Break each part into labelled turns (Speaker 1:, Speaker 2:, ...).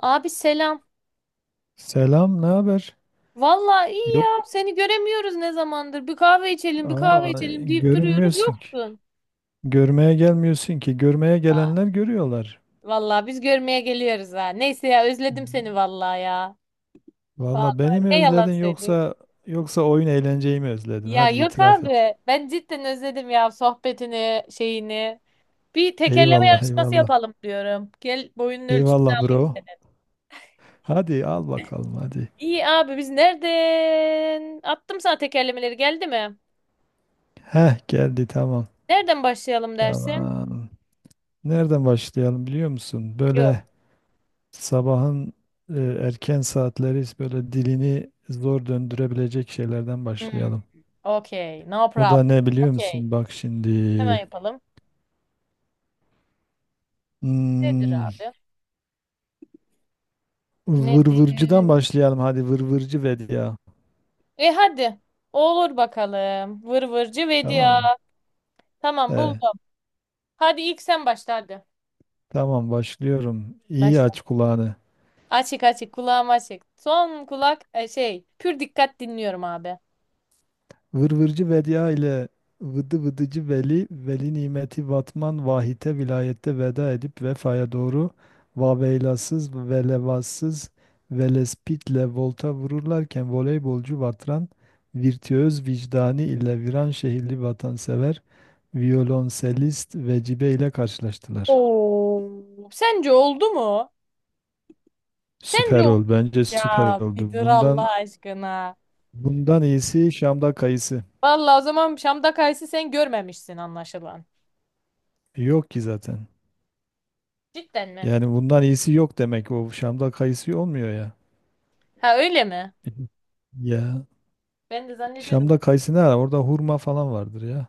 Speaker 1: Abi selam.
Speaker 2: Selam, ne haber?
Speaker 1: Vallahi iyi
Speaker 2: Yok,
Speaker 1: ya. Seni göremiyoruz ne zamandır. Bir kahve içelim, bir kahve içelim deyip duruyoruz.
Speaker 2: görünmüyorsun ki.
Speaker 1: Yoksun.
Speaker 2: Görmeye gelmiyorsun ki. Görmeye
Speaker 1: Ha,
Speaker 2: gelenler görüyorlar.
Speaker 1: Vallahi biz görmeye geliyoruz ha. Neyse ya özledim seni vallahi ya.
Speaker 2: Valla
Speaker 1: Vallahi
Speaker 2: beni mi
Speaker 1: ne yalan
Speaker 2: özledin
Speaker 1: söyleyeyim.
Speaker 2: yoksa oyun eğlenceyi mi özledin?
Speaker 1: Ya
Speaker 2: Hadi
Speaker 1: yok
Speaker 2: itiraf et.
Speaker 1: abi. Ben cidden özledim ya sohbetini, şeyini. Bir tekerleme
Speaker 2: Eyvallah,
Speaker 1: yarışması
Speaker 2: eyvallah.
Speaker 1: yapalım diyorum. Gel boyunun ölçüsünü
Speaker 2: Eyvallah
Speaker 1: alayım
Speaker 2: bro.
Speaker 1: senin.
Speaker 2: Hadi al bakalım hadi.
Speaker 1: İyi abi biz nereden? Attım sana tekerlemeleri geldi mi?
Speaker 2: Heh geldi tamam.
Speaker 1: Nereden başlayalım dersin?
Speaker 2: Tamam. Nereden başlayalım biliyor musun?
Speaker 1: Yok.
Speaker 2: Böyle sabahın erken saatleri böyle dilini zor döndürebilecek şeylerden
Speaker 1: Hmm.
Speaker 2: başlayalım.
Speaker 1: Okey. No
Speaker 2: O
Speaker 1: problem.
Speaker 2: da ne biliyor
Speaker 1: Okey.
Speaker 2: musun? Bak
Speaker 1: Hemen
Speaker 2: şimdi.
Speaker 1: yapalım. Nedir
Speaker 2: Hmm,
Speaker 1: abi? Nedir?
Speaker 2: vırvırcıdan başlayalım. Hadi vırvırcı ver ya.
Speaker 1: E hadi. Olur bakalım. Vır vırcı
Speaker 2: Tamam
Speaker 1: vedia.
Speaker 2: mı?
Speaker 1: Tamam
Speaker 2: Ee,
Speaker 1: buldum. Hadi ilk sen başla hadi.
Speaker 2: tamam başlıyorum. İyi
Speaker 1: Başla.
Speaker 2: aç kulağını.
Speaker 1: Açık açık kulağım açık. Son kulak şey pür dikkat dinliyorum abi.
Speaker 2: Vırvırcı Vedia ile Vıdı Vıdıcı Veli, Veli Nimeti Vatman Vahite vilayette veda edip vefaya doğru Vaveylasız ve Levassız Velespitle volta vururlarken voleybolcu Vatran, virtüöz vicdani ile viran şehirli vatansever, violonselist Vecibe ile karşılaştılar.
Speaker 1: Oo. Sence oldu mu? Sence
Speaker 2: Süper
Speaker 1: oldu.
Speaker 2: ol, bence süper
Speaker 1: Ya bir
Speaker 2: oldu.
Speaker 1: dur
Speaker 2: Bundan
Speaker 1: Allah aşkına.
Speaker 2: bundan iyisi Şam'da kayısı.
Speaker 1: Vallahi o zaman Şam'da kayısı sen görmemişsin anlaşılan.
Speaker 2: Yok ki zaten.
Speaker 1: Cidden mi?
Speaker 2: Yani bundan iyisi yok demek o Şam'da kayısı olmuyor ya.
Speaker 1: Ha öyle mi?
Speaker 2: Ya
Speaker 1: Ben de zannediyordum.
Speaker 2: Şam'da kayısı ne ara? Orada hurma falan vardır ya.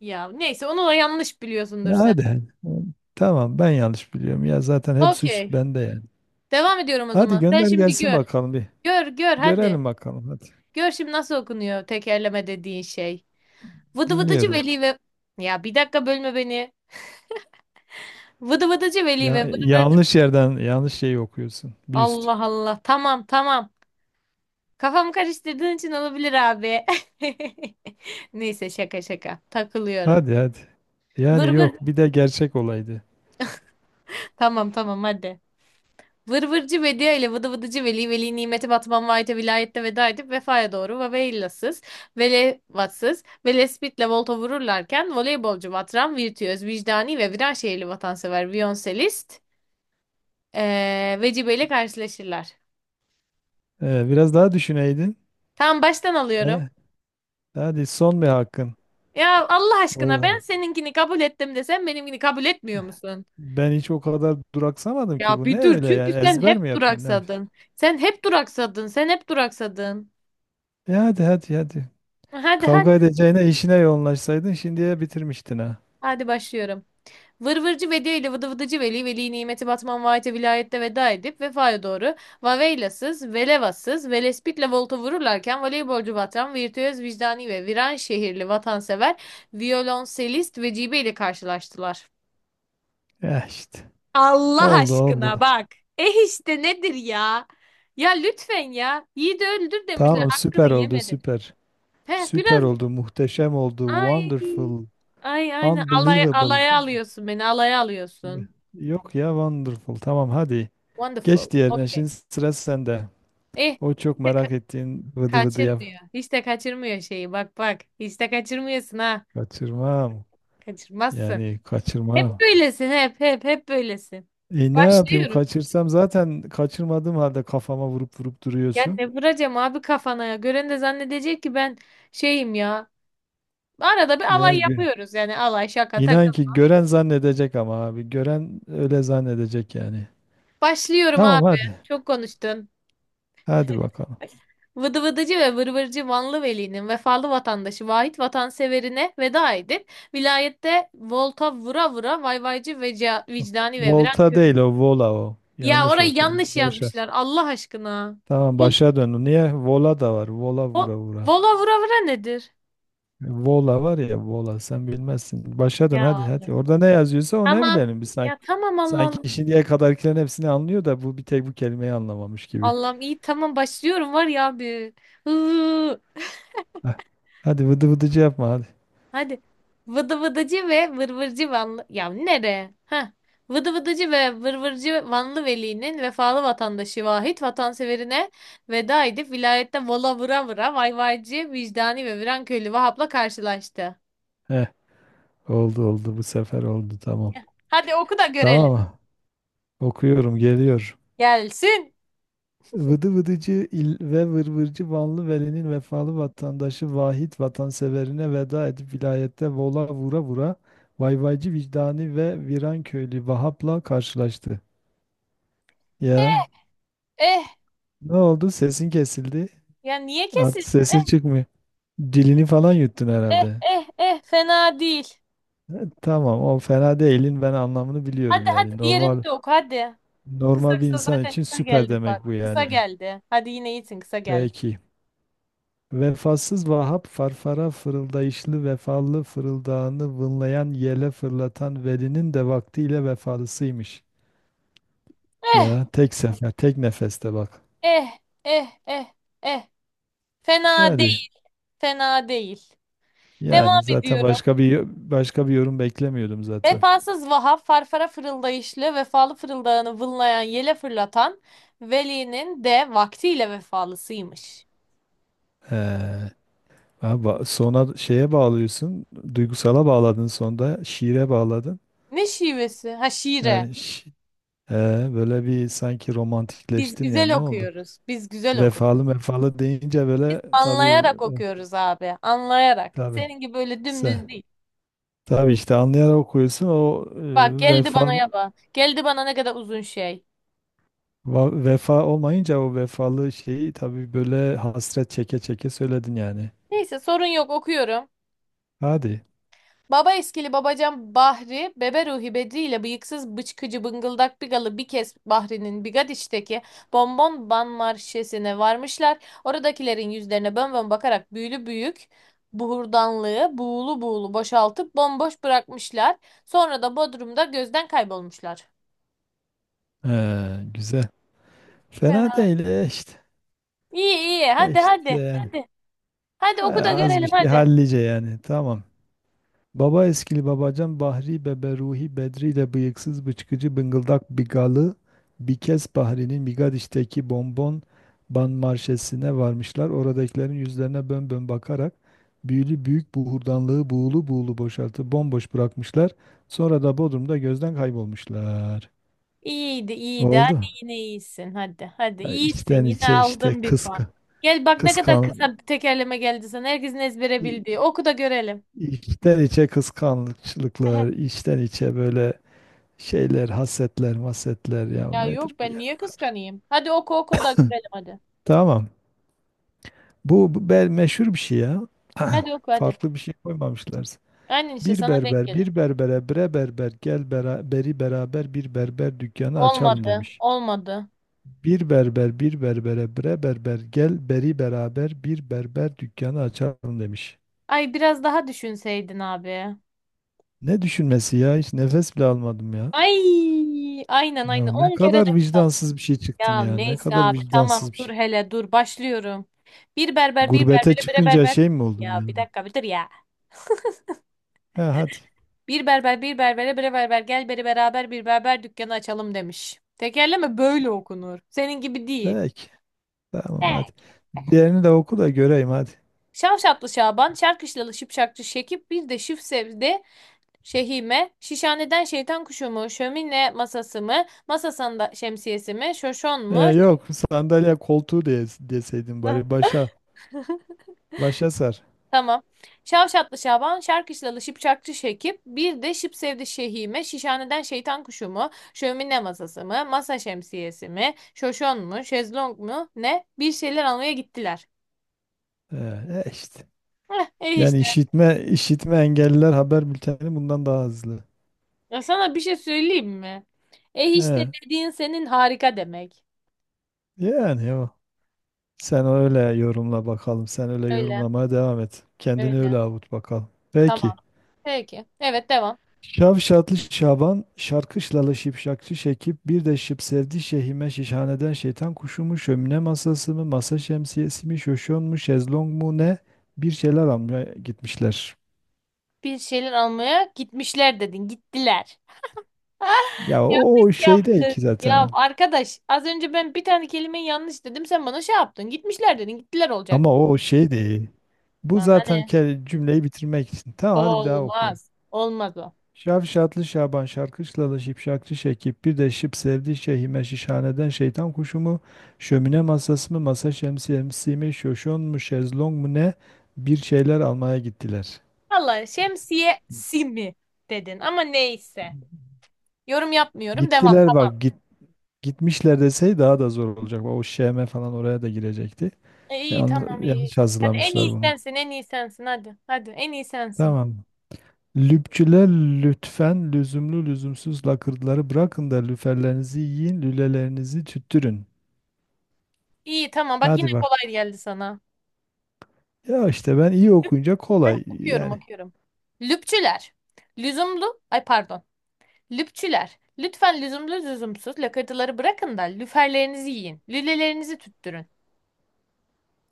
Speaker 1: Ya neyse onu da yanlış biliyorsundur
Speaker 2: Ya
Speaker 1: sen.
Speaker 2: hadi. Hı. Tamam ben yanlış biliyorum ya zaten hep suç
Speaker 1: Okey.
Speaker 2: bende yani.
Speaker 1: Devam ediyorum o
Speaker 2: Hadi
Speaker 1: zaman. Sen
Speaker 2: gönder
Speaker 1: şimdi
Speaker 2: gelsin
Speaker 1: gör.
Speaker 2: bakalım bir.
Speaker 1: Gör gör
Speaker 2: Görelim
Speaker 1: hadi.
Speaker 2: bakalım hadi.
Speaker 1: Gör şimdi nasıl okunuyor tekerleme dediğin şey. Vıdı vıdıcı
Speaker 2: Dinliyorum.
Speaker 1: veli ve... Ya bir dakika bölme beni. Vıdı vıdıcı veli
Speaker 2: Ya
Speaker 1: ve vır vır...
Speaker 2: yanlış yerden yanlış şeyi okuyorsun. Bir üst.
Speaker 1: Allah Allah. Tamam tamam. Kafamı karıştırdığın için olabilir abi. Neyse şaka şaka. Takılıyorum.
Speaker 2: Hadi hadi.
Speaker 1: Vır
Speaker 2: Yani
Speaker 1: vır.
Speaker 2: yok bir de gerçek olaydı.
Speaker 1: Tamam tamam hadi. Vır vırcı Vedia ile vıdı vıdıcı Veli, Veli nimeti Batman Vahit'e vilayette veda edip vefaya doğru Vaveillasız, Velevatsız ve Lespitle volta vururlarken voleybolcu Vatran, virtüöz, vicdani ve viran şehirli vatansever viyonselist Vecibe ile karşılaşırlar.
Speaker 2: Biraz daha düşüneydin.
Speaker 1: Tamam baştan alıyorum.
Speaker 2: He? Hadi son bir hakkın.
Speaker 1: Ya Allah aşkına ben
Speaker 2: O-
Speaker 1: seninkini kabul ettim de sen benimkini kabul etmiyor musun?
Speaker 2: Ben hiç o kadar duraksamadım ki
Speaker 1: Ya
Speaker 2: bu ne
Speaker 1: bir dur
Speaker 2: öyle
Speaker 1: çünkü
Speaker 2: yani
Speaker 1: sen
Speaker 2: ezber mi
Speaker 1: hep
Speaker 2: yapıyorsun ne yapıyorsun?
Speaker 1: duraksadın. Sen hep duraksadın. Sen hep duraksadın.
Speaker 2: E hadi hadi hadi.
Speaker 1: Hadi hadi.
Speaker 2: Kavga edeceğine işine yoğunlaşsaydın şimdiye bitirmiştin ha.
Speaker 1: Hadi başlıyorum. Vır vırcı Vedi ile vıdı vıdıcı Veli, Veli nimeti Batman vaate vilayette veda edip vefaya doğru Vaveylasız, Velevasız, Velespit'le volta vururlarken voleybolcu Batran, virtüöz vicdani ve viran şehirli vatansever, violonselist Vecibe ile karşılaştılar.
Speaker 2: Ya işte.
Speaker 1: Allah
Speaker 2: Oldu
Speaker 1: aşkına
Speaker 2: oldu.
Speaker 1: bak. Eh işte nedir ya? Ya lütfen ya. Yiğidi öldür demişler.
Speaker 2: Tamam
Speaker 1: Hakkını
Speaker 2: süper oldu
Speaker 1: yemedim.
Speaker 2: süper.
Speaker 1: He
Speaker 2: Süper
Speaker 1: biraz
Speaker 2: oldu muhteşem oldu
Speaker 1: ay
Speaker 2: wonderful
Speaker 1: ay aynen alay
Speaker 2: unbelievable.
Speaker 1: alaya alıyorsun beni. Alaya alıyorsun.
Speaker 2: Yok ya wonderful tamam hadi. Geç
Speaker 1: Wonderful.
Speaker 2: diğerine
Speaker 1: Okay.
Speaker 2: şimdi sıra sende.
Speaker 1: Eh,
Speaker 2: O çok
Speaker 1: hiç de
Speaker 2: merak ettiğin vıdı vıdı yap.
Speaker 1: kaçırmıyor. Hiç de kaçırmıyor şeyi. Bak bak. Hiç de kaçırmıyorsun ha.
Speaker 2: Kaçırmam.
Speaker 1: Kaçırmazsın.
Speaker 2: Yani
Speaker 1: Hep
Speaker 2: kaçırmam.
Speaker 1: böylesin hep hep hep böylesin.
Speaker 2: E ne yapayım
Speaker 1: Başlıyorum.
Speaker 2: kaçırsam zaten kaçırmadığım halde kafama vurup vurup
Speaker 1: Ya
Speaker 2: duruyorsun.
Speaker 1: ne vuracağım abi kafana ya. Gören de zannedecek ki ben şeyim ya. Arada bir alay
Speaker 2: Yani gö-
Speaker 1: yapıyoruz yani alay şaka takıl.
Speaker 2: inan ki gören zannedecek ama abi gören öyle zannedecek yani.
Speaker 1: Başlıyorum
Speaker 2: Tamam
Speaker 1: abi.
Speaker 2: hadi.
Speaker 1: Çok konuştun.
Speaker 2: Hadi bakalım.
Speaker 1: Vıdı vıdıcı ve vırvırcı Vanlı Veli'nin vefalı vatandaşı Vahit vatanseverine veda edip vilayette volta vura vura vayvaycı veca, vicdani ve viran.
Speaker 2: Volta değil o vola o.
Speaker 1: Ya
Speaker 2: Yanlış
Speaker 1: orayı
Speaker 2: okudum.
Speaker 1: yanlış
Speaker 2: Başa.
Speaker 1: yazmışlar Allah aşkına.
Speaker 2: Tamam
Speaker 1: Vol,
Speaker 2: başa dön. Niye? Vola da var. Vola
Speaker 1: vo-
Speaker 2: vura vura.
Speaker 1: vola vura vura nedir?
Speaker 2: Vola var ya vola sen bilmezsin. Başa dön
Speaker 1: Ya
Speaker 2: hadi hadi.
Speaker 1: abi.
Speaker 2: Orada ne yazıyorsa o ne
Speaker 1: Tamam.
Speaker 2: bilelim biz
Speaker 1: Ya
Speaker 2: sanki.
Speaker 1: tamam Allah
Speaker 2: Sanki
Speaker 1: Allah.
Speaker 2: şimdiye kadarkilerin hepsini anlıyor da bu bir tek bu kelimeyi anlamamış gibi.
Speaker 1: Allah'ım iyi tamam başlıyorum var ya abi. Hıı.
Speaker 2: Heh. Hadi vıdı vıdıcı yapma hadi.
Speaker 1: Hadi. Vıdı vıdıcı ve vırvırcı Vanlı. Ya nere? Ha. Vıdı vıdıcı ve vırvırcı Vanlı Veli'nin vefalı vatandaşı Vahit vatanseverine veda edip vilayette vola vura vura vayvaycı, vicdani ve Viranköylü Vahap'la karşılaştı.
Speaker 2: Heh. Oldu oldu bu sefer oldu tamam.
Speaker 1: Hadi oku da görelim.
Speaker 2: Tamam okuyorum geliyor.
Speaker 1: Gelsin.
Speaker 2: Vıdı vıdıcı il ve vırvırcı Vanlı Veli'nin vefalı vatandaşı Vahit vatanseverine veda edip vilayette vola vura vura vayvaycı vicdani ve viran köylü Vahap'la karşılaştı. Ya
Speaker 1: Eh,
Speaker 2: ne oldu sesin kesildi.
Speaker 1: ya niye
Speaker 2: Artık
Speaker 1: kesilsin?
Speaker 2: sesin
Speaker 1: Eh
Speaker 2: çıkmıyor. Dilini falan yuttun
Speaker 1: eh
Speaker 2: herhalde.
Speaker 1: eh eh, fena değil.
Speaker 2: E, Tamam o fena değilin ben anlamını
Speaker 1: Hadi
Speaker 2: biliyorum
Speaker 1: hadi
Speaker 2: yani
Speaker 1: diğerini
Speaker 2: normal.
Speaker 1: de oku hadi. Kısa
Speaker 2: Normal bir
Speaker 1: kısa
Speaker 2: insan
Speaker 1: zaten
Speaker 2: için
Speaker 1: kısa
Speaker 2: süper
Speaker 1: geldi bak.
Speaker 2: demek bu
Speaker 1: Kısa
Speaker 2: yani.
Speaker 1: geldi. Hadi yine iyisin kısa geldi.
Speaker 2: Belki. Vefasız Vahap farfara fırıldayışlı vefalı fırıldağını vınlayan yele fırlatan velinin de vaktiyle vefalısıymış. Ya
Speaker 1: Eh
Speaker 2: tek sefer tek nefeste bak.
Speaker 1: eh eh eh eh. Fena
Speaker 2: Hadi
Speaker 1: değil fena değil.
Speaker 2: yani
Speaker 1: Devam
Speaker 2: zaten
Speaker 1: ediyorum.
Speaker 2: başka bir yorum beklemiyordum zaten.
Speaker 1: Vefasız Vahap farfara fırıldayışlı vefalı fırıldağını vınlayan yele fırlatan Veli'nin de vaktiyle vefalısıymış.
Speaker 2: He. Ha, sona şeye bağlıyorsun, duygusala bağladın sonda, şiire bağladın.
Speaker 1: Ne şivesi? Ha
Speaker 2: Yani
Speaker 1: şiire.
Speaker 2: şi- he, böyle bir sanki
Speaker 1: Biz
Speaker 2: romantikleştin ya
Speaker 1: güzel
Speaker 2: ne oldu?
Speaker 1: okuyoruz. Biz güzel okuruz.
Speaker 2: Vefalı vefalı deyince
Speaker 1: Biz
Speaker 2: böyle tabii
Speaker 1: anlayarak
Speaker 2: o,
Speaker 1: okuyoruz abi. Anlayarak.
Speaker 2: tabii
Speaker 1: Senin gibi böyle
Speaker 2: se
Speaker 1: dümdüz değil.
Speaker 2: tabii işte anlayarak okuyorsun o,
Speaker 1: Bak
Speaker 2: e,
Speaker 1: geldi
Speaker 2: vefa
Speaker 1: bana yaba. Geldi bana ne kadar uzun şey.
Speaker 2: vefa olmayınca o vefalı şeyi tabii böyle hasret çeke çeke söyledin yani.
Speaker 1: Neyse sorun yok okuyorum.
Speaker 2: Hadi.
Speaker 1: Baba eskili babacan Bahri, bebe Ruhi Bedri ile bıyıksız bıçkıcı bıngıldak bigalı bir kez Bahri'nin Bigadiş'teki bonbon ban marşesine varmışlar. Oradakilerin yüzlerine bön bön bakarak büyülü büyük buhurdanlığı buğulu buğulu boşaltıp bomboş bırakmışlar. Sonra da Bodrum'da gözden kaybolmuşlar.
Speaker 2: Güzel. Fena değil işte.
Speaker 1: İyi iyi.
Speaker 2: E,
Speaker 1: Hadi
Speaker 2: işte
Speaker 1: hadi.
Speaker 2: yani.
Speaker 1: Hadi. Hadi
Speaker 2: Ha,
Speaker 1: oku da
Speaker 2: az bir
Speaker 1: görelim
Speaker 2: şey
Speaker 1: hadi.
Speaker 2: hallice yani. Tamam. Baba eskili babacan Bahri bebe Ruhi Bedri de bıyıksız bıçkıcı bıngıldak bigalı bir kez Bahri'nin Bigadiş'teki bonbon ban marşesine varmışlar. Oradakilerin yüzlerine bön bön bakarak büyülü büyük buhurdanlığı buğulu buğulu boşaltıp bomboş bırakmışlar. Sonra da Bodrum'da gözden kaybolmuşlar.
Speaker 1: İyiydi iyiydi. Hadi
Speaker 2: Oldu.
Speaker 1: yine iyisin. Hadi hadi.
Speaker 2: Ya
Speaker 1: İyisin
Speaker 2: içten
Speaker 1: yine
Speaker 2: içe işte
Speaker 1: aldın bir puan.
Speaker 2: kıska,
Speaker 1: Gel bak ne kadar
Speaker 2: kıskan,
Speaker 1: kısa bir tekerleme geldi sana. Herkesin ezbere
Speaker 2: i-
Speaker 1: bildiği. Oku da görelim.
Speaker 2: içten içe
Speaker 1: Ehe.
Speaker 2: kıskançlıklar, içten içe böyle şeyler, hasetler, masetler ya
Speaker 1: Ya yok
Speaker 2: nedir bu
Speaker 1: ben
Speaker 2: ya
Speaker 1: niye
Speaker 2: o kadar.
Speaker 1: kıskanayım? Hadi oku oku da görelim hadi.
Speaker 2: Tamam. Bu bel meşhur bir şey ya.
Speaker 1: Hadi oku hadi.
Speaker 2: Farklı bir şey koymamışlar.
Speaker 1: Aynen işte
Speaker 2: Bir
Speaker 1: sana denk
Speaker 2: berber,
Speaker 1: gelin.
Speaker 2: bir berbere, bre berber, gel bera, beri beraber bir berber dükkanı açalım
Speaker 1: Olmadı.
Speaker 2: demiş.
Speaker 1: Olmadı.
Speaker 2: Bir berber, bir berbere, bre berber, gel beri beraber bir berber dükkanı açalım demiş.
Speaker 1: Ay biraz daha düşünseydin abi.
Speaker 2: Ne düşünmesi ya? Hiç nefes bile almadım ya.
Speaker 1: Ay aynen
Speaker 2: Ya
Speaker 1: aynen.
Speaker 2: ne
Speaker 1: 10 kere
Speaker 2: kadar
Speaker 1: nefes.
Speaker 2: vicdansız bir şey çıktın
Speaker 1: Ya
Speaker 2: ya. Ne
Speaker 1: neyse
Speaker 2: kadar
Speaker 1: abi tamam
Speaker 2: vicdansız bir
Speaker 1: dur
Speaker 2: şey.
Speaker 1: hele dur başlıyorum. Bir berber bir
Speaker 2: Gurbete
Speaker 1: berbere bire
Speaker 2: çıkınca
Speaker 1: berber.
Speaker 2: şey mi oldun
Speaker 1: Ya
Speaker 2: yani?
Speaker 1: bir dakika bir dur ya.
Speaker 2: He hadi.
Speaker 1: Bir berber bir berbere bire berber gel beri beraber bir berber dükkanı açalım demiş. Tekerleme böyle okunur. Senin gibi değil.
Speaker 2: Peki. Tamam
Speaker 1: Evet.
Speaker 2: hadi. Diğerini de oku da göreyim hadi.
Speaker 1: Şavşatlı Şaban, Çarkışlalı Şıpşakçı Şekip, bir de Şif sevdi Şehime, Şişhaneden şeytan kuşu mu, şömine masası mı, masasında şemsiyesi mi, şoşon mu?
Speaker 2: Yok sandalye koltuğu diye, deseydin bari başa sar.
Speaker 1: Tamam. Şavşatlı Şaban, Şarkışlalı Şipşakçı Şekip, bir de Şıp Sevdi Şehime, Şişhaneden Şeytan Kuşu mu, Şömine Masası mı, Masa Şemsiyesi mi, Şoşon mu, Şezlong mu, ne? Bir şeyler almaya gittiler.
Speaker 2: Ee, E işte.
Speaker 1: Heh, eh
Speaker 2: Yani
Speaker 1: işte.
Speaker 2: işitme engelliler haber bülteni bundan daha hızlı.
Speaker 1: Ya sana bir şey söyleyeyim mi? Eh işte
Speaker 2: Ee,
Speaker 1: dediğin senin harika demek.
Speaker 2: Yani o. Sen öyle yorumla bakalım. Sen öyle
Speaker 1: Öyle,
Speaker 2: yorumlamaya devam et. Kendini öyle
Speaker 1: öyle.
Speaker 2: avut bakalım. Peki.
Speaker 1: Tamam. Peki. Evet, devam.
Speaker 2: Şavşatlı Şaban, şarkışlalı şipşakçı Şekip, bir de şıp sevdi şehime şişhaneden şeytan kuşu mu, şömine masası mı, masa şemsiyesi mi, şoşon mu, şezlong mu ne, bir şeyler almaya gitmişler.
Speaker 1: Bir şeyler almaya gitmişler dedin, gittiler.
Speaker 2: O şey değil ki
Speaker 1: Yaptık.
Speaker 2: zaten o.
Speaker 1: Ya arkadaş az önce ben bir tane kelimeyi yanlış dedim sen bana şey yaptın. Gitmişler dedin. Gittiler olacak.
Speaker 2: Ama o o şey değil. Bu
Speaker 1: Bana
Speaker 2: zaten
Speaker 1: ne?
Speaker 2: cümleyi bitirmek için. Tamam hadi bir daha okuyorum.
Speaker 1: Olmaz. Olmaz o.
Speaker 2: Şavşatlı Şaban şarkışlalı şipşakçı Şekip bir de şıp sevdi şehime şişhaneden şeytan kuşu mu şömine masası mı masa şemsiyesi mi şoşon mu şezlong mu ne bir şeyler almaya gittiler.
Speaker 1: Vallahi şemsiye simi dedin ama neyse. Yorum yapmıyorum. Devam.
Speaker 2: Gittiler bak git, Gitmişler desey daha da zor olacak. O şeme falan oraya da girecekti.
Speaker 1: İyi
Speaker 2: Yanlış,
Speaker 1: tamam iyi.
Speaker 2: yanlış
Speaker 1: Hadi en iyi
Speaker 2: hazırlamışlar bunu.
Speaker 1: sensin en iyi sensin hadi. Hadi en iyi sensin.
Speaker 2: Tamam. Lüpçüler lütfen lüzumlu lüzumsuz lakırdıları bırakın da lüferlerinizi yiyin lülelerinizi tüttürün.
Speaker 1: İyi tamam bak yine
Speaker 2: Hadi bakalım.
Speaker 1: kolay geldi sana.
Speaker 2: Ya işte ben iyi
Speaker 1: Lüp-
Speaker 2: okuyunca
Speaker 1: Hadi
Speaker 2: kolay
Speaker 1: okuyorum
Speaker 2: yani.
Speaker 1: okuyorum. Lüpçüler. Lüzumlu. Ay pardon. Lüpçüler, lütfen lüzumlu lüzumsuz lakırtıları bırakın da lüferlerinizi yiyin, lülelerinizi tüttürün.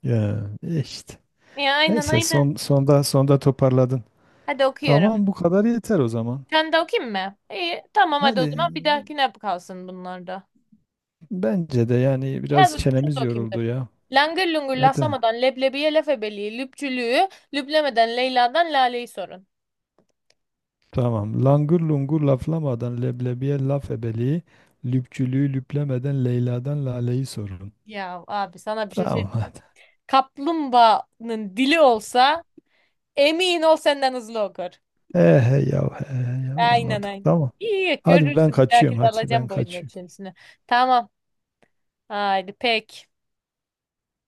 Speaker 2: Ya e işte.
Speaker 1: Ya aynen
Speaker 2: Neyse
Speaker 1: aynen.
Speaker 2: sonda toparladın.
Speaker 1: Hadi okuyorum.
Speaker 2: Tamam bu kadar yeter o zaman.
Speaker 1: Sen de okuyayım mı? İyi, tamam hadi
Speaker 2: Hadi
Speaker 1: o zaman bir dahakine kalsın bunlar da.
Speaker 2: bence de yani biraz
Speaker 1: Hadi şunu
Speaker 2: çenemiz
Speaker 1: da okuyayım dur.
Speaker 2: yoruldu ya.
Speaker 1: Langır lungur
Speaker 2: Hadi.
Speaker 1: laflamadan leblebiye laf ebeliği, lüpçülüğü, lüplemeden Leyla'dan Lale'yi sorun.
Speaker 2: Tamam. Langır lungur laflamadan leblebiye laf ebeliği, lüpçülüğü lüplemeden Leyla'dan Lale'yi sorun.
Speaker 1: Ya abi sana bir şey söyleyeyim.
Speaker 2: Tamam hadi.
Speaker 1: Kaplumbağanın dili olsa emin ol senden hızlı okur.
Speaker 2: He he yav he he yav
Speaker 1: Aynen
Speaker 2: anladık
Speaker 1: aynen.
Speaker 2: tamam.
Speaker 1: İyi
Speaker 2: Hadi ben
Speaker 1: görürsün. Bir
Speaker 2: kaçıyorum
Speaker 1: dahakinde
Speaker 2: hadi ben
Speaker 1: alacağım boyun
Speaker 2: kaçıyorum.
Speaker 1: ölçüsünü. Tamam. Haydi pek.